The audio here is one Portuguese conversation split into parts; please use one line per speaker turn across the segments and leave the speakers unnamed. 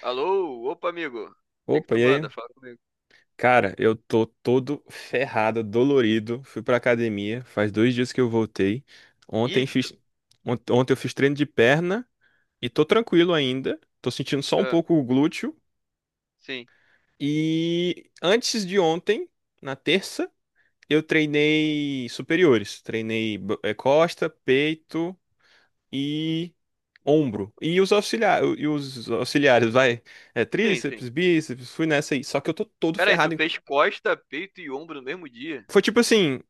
Alô? Opa, amigo. O que que
Opa,
tu
e
manda?
aí?
Fala comigo.
Cara, eu tô todo ferrado, dolorido. Fui pra academia, faz 2 dias que eu voltei. Ontem
Ih,
fiz, ontem eu fiz treino de perna e tô tranquilo ainda. Tô sentindo só um
ah,
pouco o glúteo.
sim.
E antes de ontem, na terça, eu treinei superiores. Treinei costa, peito e ombro. E os auxiliares, vai. É,
Sim, sim.
tríceps, bíceps, fui nessa aí. Só que eu tô todo
Pera aí, tu
ferrado.
fez costa, peito e ombro no mesmo dia?
Foi tipo assim.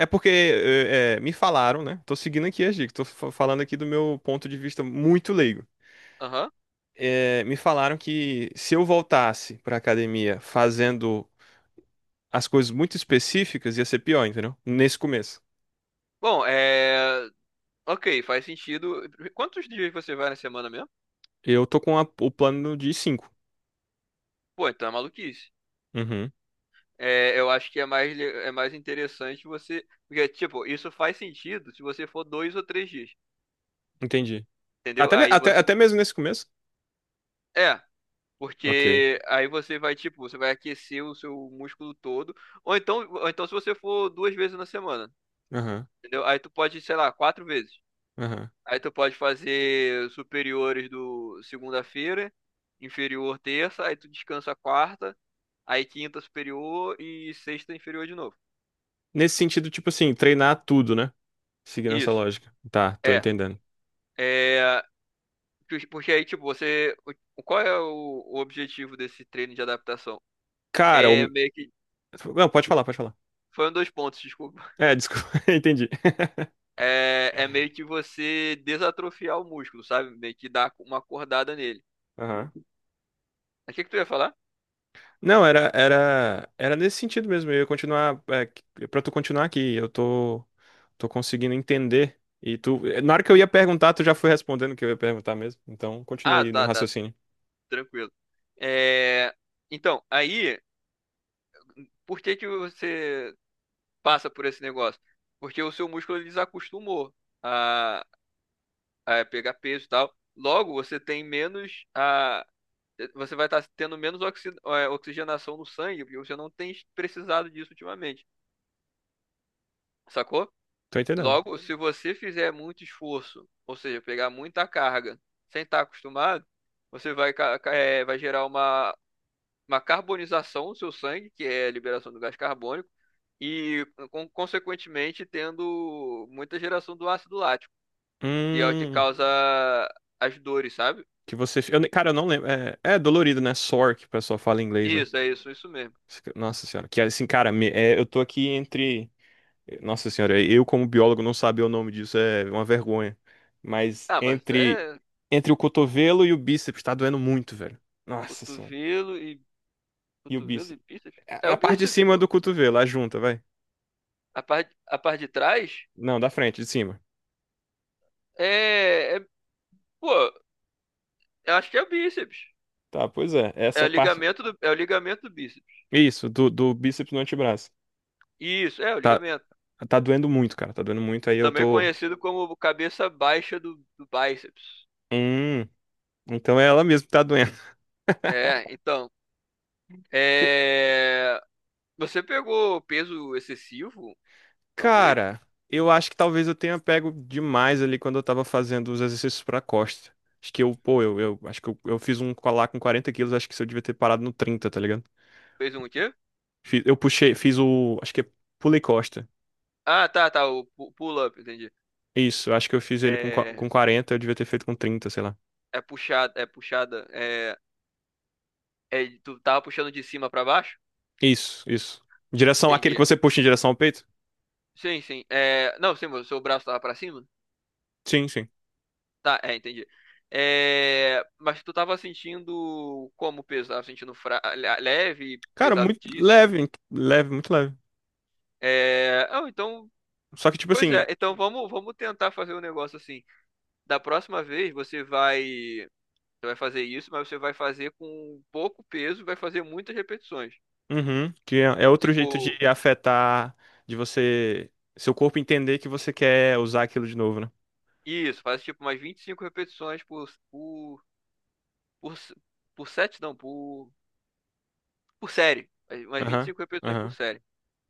É porque me falaram, né? Tô seguindo aqui as dicas, tô falando aqui do meu ponto de vista muito leigo.
Aham.
Me falaram que se eu voltasse pra academia fazendo as coisas muito específicas, ia ser pior, entendeu? Nesse começo.
Bom, Ok, faz sentido. Quantos dias você vai na semana mesmo?
Eu tô com o plano de cinco.
Pô, então é maluquice.
Uhum,
É, eu acho que é mais, é mais interessante você... Porque, tipo, isso faz sentido se você for dois ou três dias,
entendi.
entendeu?
Até, ne-
Aí
até,
você...
até mesmo nesse começo?
É,
Ok.
porque aí você vai, tipo, você vai aquecer o seu músculo todo. Ou então se você for duas vezes na semana.
Aham,
Entendeu? Aí tu pode, sei lá, quatro vezes.
aham.
Aí tu pode fazer superiores do segunda-feira, inferior terça, aí tu descansa quarta, aí quinta superior e sexta inferior de novo.
Nesse sentido, tipo assim, treinar tudo, né? Seguindo essa
Isso.
lógica. Tá, tô
É.
entendendo.
É. Porque aí, tipo, você. Qual é o objetivo desse treino de adaptação?
Cara.
É meio que.
Não, pode falar, pode falar.
Foi um dos pontos, desculpa.
É, desculpa, entendi.
É, é meio que você desatrofiar o músculo, sabe? Meio que dar uma acordada nele.
Aham.
Mas o que que tu ia falar?
Não, era nesse sentido mesmo. Eu ia continuar, para tu continuar aqui, eu tô conseguindo entender. E tu, na hora que eu ia perguntar, tu já foi respondendo o que eu ia perguntar mesmo. Então, continua
Ah,
aí no
tá, tá.
raciocínio.
Tranquilo. É, então, aí, por que que você passa por esse negócio? Porque o seu músculo ele desacostumou a, a pegar peso e tal. Logo, você tem menos a, você vai estar tendo menos oxigenação no sangue, porque você não tem precisado disso ultimamente, sacou?
Tô entendendo.
Logo, se você fizer muito esforço, ou seja, pegar muita carga sem estar acostumado, você vai, vai gerar uma carbonização do seu sangue, que é a liberação do gás carbônico, e consequentemente tendo muita geração do ácido lático, que é o que
Hum,
causa as dores, sabe?
que você, eu, ne- cara, eu não lembro. É dolorido, né? Sore, que o pessoal fala em inglês, né?
Isso, é isso, isso mesmo.
Nossa senhora, que assim, cara, eu tô aqui entre. Nossa senhora, eu como biólogo não saber o nome disso é uma vergonha. Mas
Ah, mas
entre
é
entre o cotovelo e o bíceps tá doendo muito, velho. Nossa senhora.
cotovelo e
E o
cotovelo
bíceps?
e bíceps? É
A
o
parte de
bíceps,
cima
pô.
do cotovelo, a junta, vai.
A parte de trás
Não, da frente, de cima.
é, pô, eu acho que é o bíceps.
Tá, pois é, essa parte.
É o ligamento do bíceps.
Isso, do bíceps no antebraço.
Isso, é o
Tá,
ligamento.
tá doendo muito, cara, tá doendo muito. Aí eu
Também
tô.
conhecido como cabeça baixa do bíceps.
Hum, então é ela mesmo que tá doendo.
É, então é... Você pegou peso excessivo, talvez?
Cara, eu acho que talvez eu tenha pego demais ali quando eu tava fazendo os exercícios pra costa. Acho que eu, pô, eu acho que eu fiz um colar com 40 quilos. Acho que eu devia ter parado no 30, tá ligado?
Fez um quê?
Eu puxei, fiz o, acho que é, pulei costa.
Ah, tá, tá. O pull-up, entendi.
Isso, eu acho que eu fiz ele com, com
É...
40. Eu devia ter feito com 30, sei lá.
é puxada, é puxada. Tu tava puxando de cima pra baixo?
Isso, isso. Direção, aquele que
Entendi.
você puxa em direção ao peito?
Sim, sim. É... Não, sim, o seu braço tava pra cima?
Sim, sim.
Tá, é, entendi. É... Mas tu tava sentindo como peso? Tava sentindo leve,
Cara, muito
pesadíssimo?
leve, leve, muito leve.
É... Ah, então,
Só que, tipo
pois
assim,
é. Então vamos tentar fazer um negócio assim. Da próxima vez você vai. Você vai fazer isso, mas você vai fazer com pouco peso, vai fazer muitas repetições.
uhum, que é outro jeito
Tipo,
de afetar, de você, seu corpo entender que você quer usar aquilo de novo, né?
isso, faz tipo umas 25 repetições por, por set, não, por série. Umas vinte e
Aham,
cinco repetições por
aham,
série.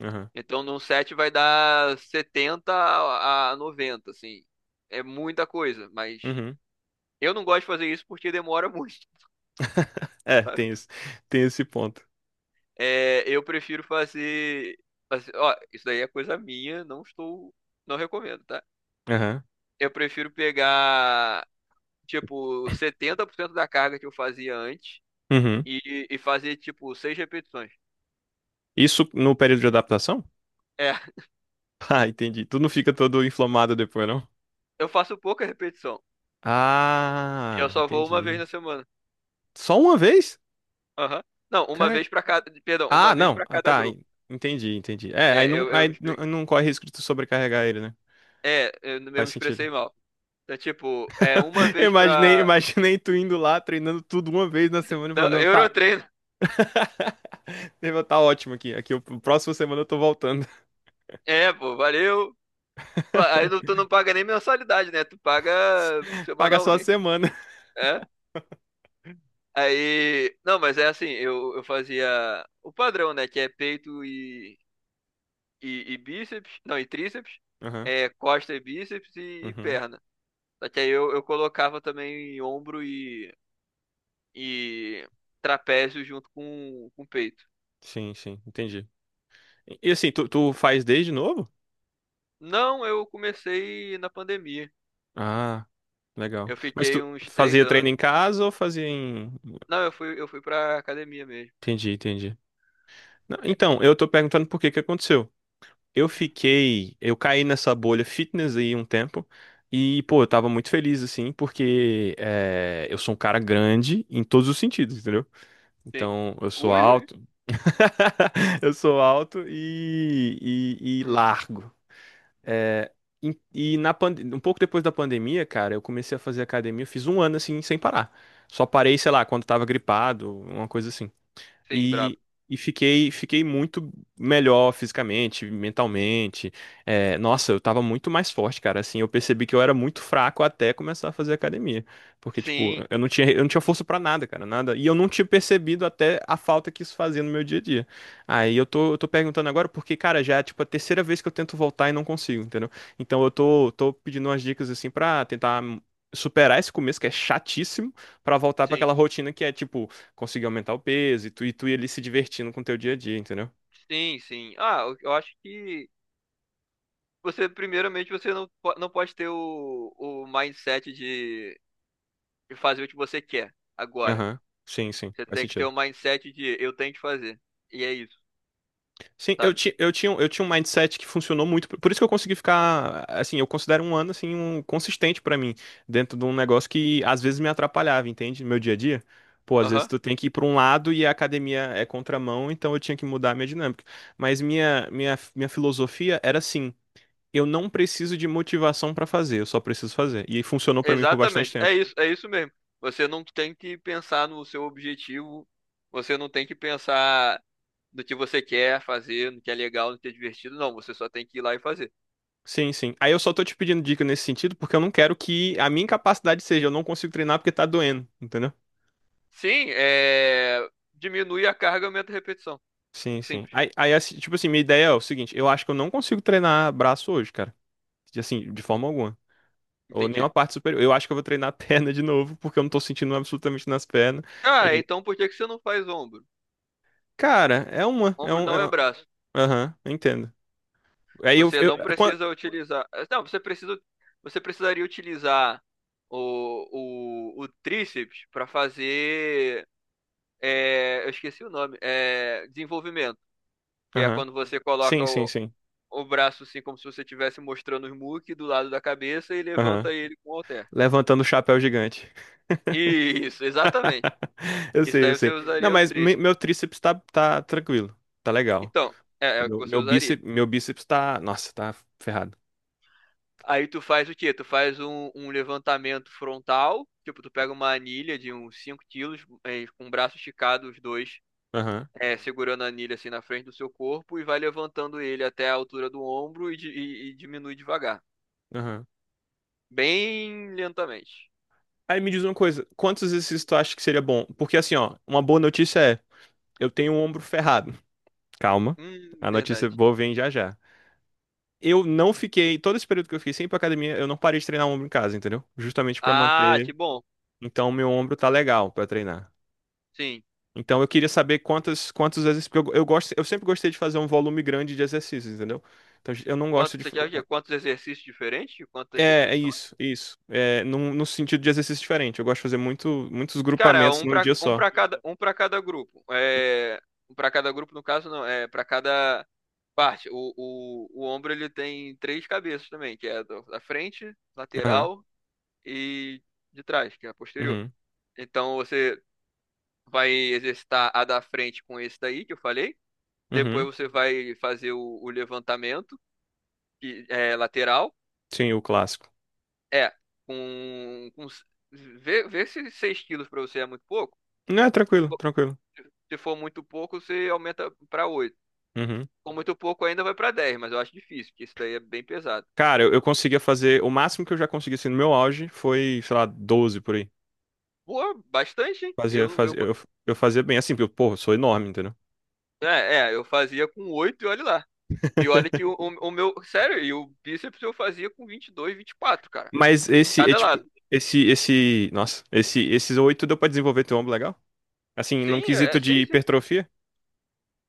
aham,
Então, num set vai dar 70 a 90, assim. É muita coisa, mas
uhum.
eu não gosto de fazer isso porque demora muito.
É,
Sabe?
tem isso, tem esse ponto.
É, eu prefiro Ó, isso daí é coisa minha, não estou. Não recomendo, tá?
Aham,
Eu prefiro pegar tipo, 70% da carga que eu fazia antes
uhum.
e fazer, tipo, 6 repetições.
Isso no período de adaptação?
É,
Ah, entendi. Tu não fica todo inflamado depois, não?
eu faço pouca repetição. E eu
Ah,
só vou uma vez
entendi.
na semana.
Só uma vez?
Aham. Não, uma
Cara,
vez pra cada. Perdão, uma
ah,
vez
não,
pra
ah,
cada
tá,
grupo.
entendi, entendi. É,
É, eu, eu me
aí não,
expliquei.
não corre risco de tu sobrecarregar ele, né?
É, eu
Faz
me
sentido.
expressei mal. Então, tipo, é uma
Eu
vez
Imaginei,
pra.
imaginei tu indo lá, treinando tudo uma vez na semana e
Não,
falando, não, tá,
Eurotreino.
nível tá ótimo aqui. Aqui, o próxima semana eu tô voltando.
É, pô, valeu. Pô, aí tu não paga nem mensalidade, né? Tu paga
Paga só a
semanalmente.
semana.
É. Aí. Não, mas é assim, eu fazia o padrão, né? Que é peito e bíceps, não, e tríceps,
Aham,
é, costa e bíceps e
uhum.
perna. Só que aí eu colocava também ombro e trapézio junto com peito.
Sim, sim, entendi. E assim, tu faz desde novo?
Não, eu comecei na pandemia.
Ah, legal.
Eu
Mas
fiquei
tu
uns três
fazia treino em
anos.
casa ou fazia em...
Não, eu fui pra academia mesmo.
Entendi, entendi. Não, então, eu tô perguntando por que que aconteceu. Eu caí nessa bolha fitness aí um tempo e, pô, eu tava muito feliz assim, porque eu sou um cara grande em todos os sentidos, entendeu?
Sim.
Então, eu sou
Ui, ui.
alto, eu sou alto e,
Hum,
largo. É, e, na um pouco depois da pandemia, cara, eu comecei a fazer academia. Eu fiz um ano assim, sem parar. Só parei, sei lá, quando tava gripado, uma coisa assim.
sim, brabo.
E, e fiquei muito melhor fisicamente, mentalmente. É, nossa, eu tava muito mais forte, cara. Assim, eu percebi que eu era muito fraco até começar a fazer academia. Porque, tipo,
Sim,
eu não tinha força pra nada, cara, nada. E eu não tinha percebido até a falta que isso fazia no meu dia a dia. Aí eu tô perguntando agora porque, cara, já é, tipo, a terceira vez que eu tento voltar e não consigo, entendeu? Então eu tô pedindo umas dicas, assim, pra tentar superar esse começo que é chatíssimo, pra voltar pra
sim,
aquela rotina que é, tipo, conseguir aumentar o peso e tu ir ali se divertindo com o teu dia a dia, entendeu?
sim, sim. Ah, eu acho que você, primeiramente, você não pode ter o mindset de e fazer o que você quer agora.
Aham. Sim, sim,
Você
faz
tem que ter
sentido.
o mindset de eu tenho que fazer. E é isso,
Sim, eu,
sabe?
ti, eu, tinha, um- eu tinha um mindset que funcionou muito. Por isso que eu consegui ficar, assim, eu considero um ano, assim, consistente pra mim, dentro de um negócio que às vezes me atrapalhava, entende? No meu dia a dia. Pô, às vezes
Aham.
tu tem que ir pra um lado e a academia é contramão, então eu tinha que mudar a minha dinâmica. Mas minha filosofia era assim, eu não preciso de motivação pra fazer, eu só preciso fazer. E funcionou pra mim por bastante
Exatamente.
tempo.
É isso mesmo. Você não tem que pensar no seu objetivo, você não tem que pensar no que você quer fazer, no que é legal, no que é divertido, não. Você só tem que ir lá e fazer.
Sim, sim. Aí eu só tô te pedindo dica nesse sentido porque eu não quero que a minha incapacidade seja eu não consigo treinar porque tá doendo, entendeu?
Sim, é... diminui a carga, e aumenta a repetição.
Sim, sim.
Simples.
Aí assim, tipo assim, minha ideia é o seguinte: eu acho que eu não consigo treinar braço hoje, cara. Assim, de forma alguma. Ou nenhuma
Entendi.
parte superior. Eu acho que eu vou treinar a perna de novo porque eu não tô sentindo absolutamente nas pernas.
Cara,
E,
então por que que você não faz ombro?
cara, é uma,
Ombro não
é
é
um-
braço.
aham, eu entendo. Aí
Você
eu,
não Aí
quan-
precisa utilizar. Eh, Não, você precisa. Você precisaria utilizar o tríceps para fazer. É, eu esqueci o nome. É, desenvolvimento. Que é
aham.
quando você coloca
Sim, sim, sim.
o braço assim, como se você estivesse mostrando os muque do lado da cabeça e
Aham.
levanta ele com o halter.
Levantando o chapéu gigante.
Isso, exatamente.
Eu
Isso
sei,
daí
eu
você
sei. Não,
usaria o
mas
tríceps.
meu tríceps tá, tá tranquilo. Tá legal.
Então, é, é o que
Meu,
você
meu
usaria.
bíceps, meu bíceps tá. Nossa, tá ferrado.
Aí tu faz o quê? Tu faz um levantamento frontal, tipo, tu pega uma anilha de uns 5 kg, com o braço esticado, os dois,
Aham,
segurando a anilha assim na frente do seu corpo e vai levantando ele até a altura do ombro e diminui devagar.
aham.
Bem lentamente.
Aí me diz uma coisa: quantos exercícios tu acha que seria bom? Porque assim, ó, uma boa notícia é: eu tenho o ombro ferrado. Calma. A
Verdade.
notícia boa vem já já. Eu não fiquei. Todo esse período que eu fiquei sem ir pra academia, eu não parei de treinar o ombro em casa, entendeu? Justamente pra
Ah,
manter.
que bom.
Então, meu ombro tá legal pra treinar.
Sim.
Então eu queria saber quantas quantos exercícios. Porque eu gosto, eu sempre gostei de fazer um volume grande de exercícios, entendeu? Então eu não gosto
Quanto,
de.
você
fa-
quer o quê? Quantos exercícios diferentes? Quantas
É, é
repetições?
isso, isso. É, no sentido de exercício diferente. Eu gosto de fazer muitos
Cara,
grupamentos num dia só.
um para cada grupo. É, um para cada grupo, no caso, não. É para cada. Parte. O ombro ele tem três cabeças também, que é a da frente,
Aham.
lateral e de trás, que é a posterior.
Uhum.
Então você vai exercitar a da frente com esse daí que eu falei. Depois
Uhum.
você vai fazer o levantamento, que é lateral.
Sim, o clássico.
É, com vê se 6 kg para você é muito pouco.
Não, é
Se
tranquilo,
for,
tranquilo.
se for muito pouco, você aumenta para oito.
Uhum.
Com muito pouco ainda vai para dez, mas eu acho difícil, porque isso daí é bem pesado.
Cara, eu conseguia fazer. O máximo que eu já consegui assim, no meu auge foi, sei lá, 12 por aí.
Pô, bastante, hein?
Fazia, fazia, eu, eu fazia bem, assim, porque, eu, porra, eu sou enorme, entendeu?
É, é, eu fazia com 8 e olha lá. E olha que o meu. Sério, e o bíceps eu fazia com 22, 24, cara.
Mas esse é
Cada
tipo.
lado.
Esse, esse. Nossa, esses 8 deu pra desenvolver teu ombro legal? Assim, num
Sim,
quesito
é,
de
sim, sim.
hipertrofia,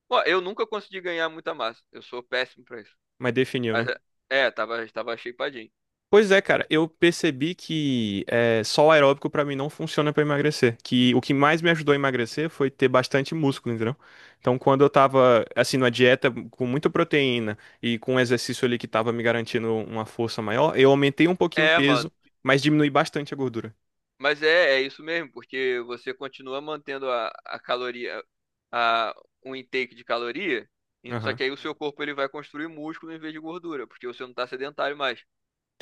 Ó, eu nunca consegui ganhar muita massa. Eu sou péssimo pra isso.
mas definiu,
Mas
né?
é, é, tava, tava shapeadinho.
Pois é, cara, eu percebi que só o aeróbico pra mim não funciona pra emagrecer. Que o que mais me ajudou a emagrecer foi ter bastante músculo, entendeu? Então, quando eu tava, assim, numa dieta com muita proteína e com um exercício ali que tava me garantindo uma força maior, eu aumentei um pouquinho o
É,
peso,
mano.
mas diminui bastante a gordura.
Mas é, é isso mesmo, porque você continua mantendo a caloria, a, um intake de caloria, só que aí o seu corpo ele vai construir músculo em vez de gordura, porque você não tá sedentário mais,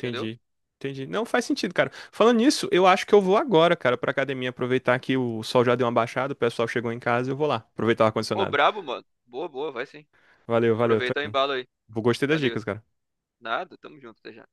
entendeu?
Entendi. Não faz sentido, cara. Falando nisso, eu acho que eu vou agora, cara, pra academia aproveitar que o sol já deu uma baixada, o pessoal chegou em casa, eu vou lá aproveitar o
Ô,
ar-condicionado.
brabo, mano. Boa, boa, vai sim.
Valeu, valeu, tô
Aproveita o
indo.
embalo aí.
Gostei das
Valeu.
dicas, cara.
Nada, tamo junto, até já.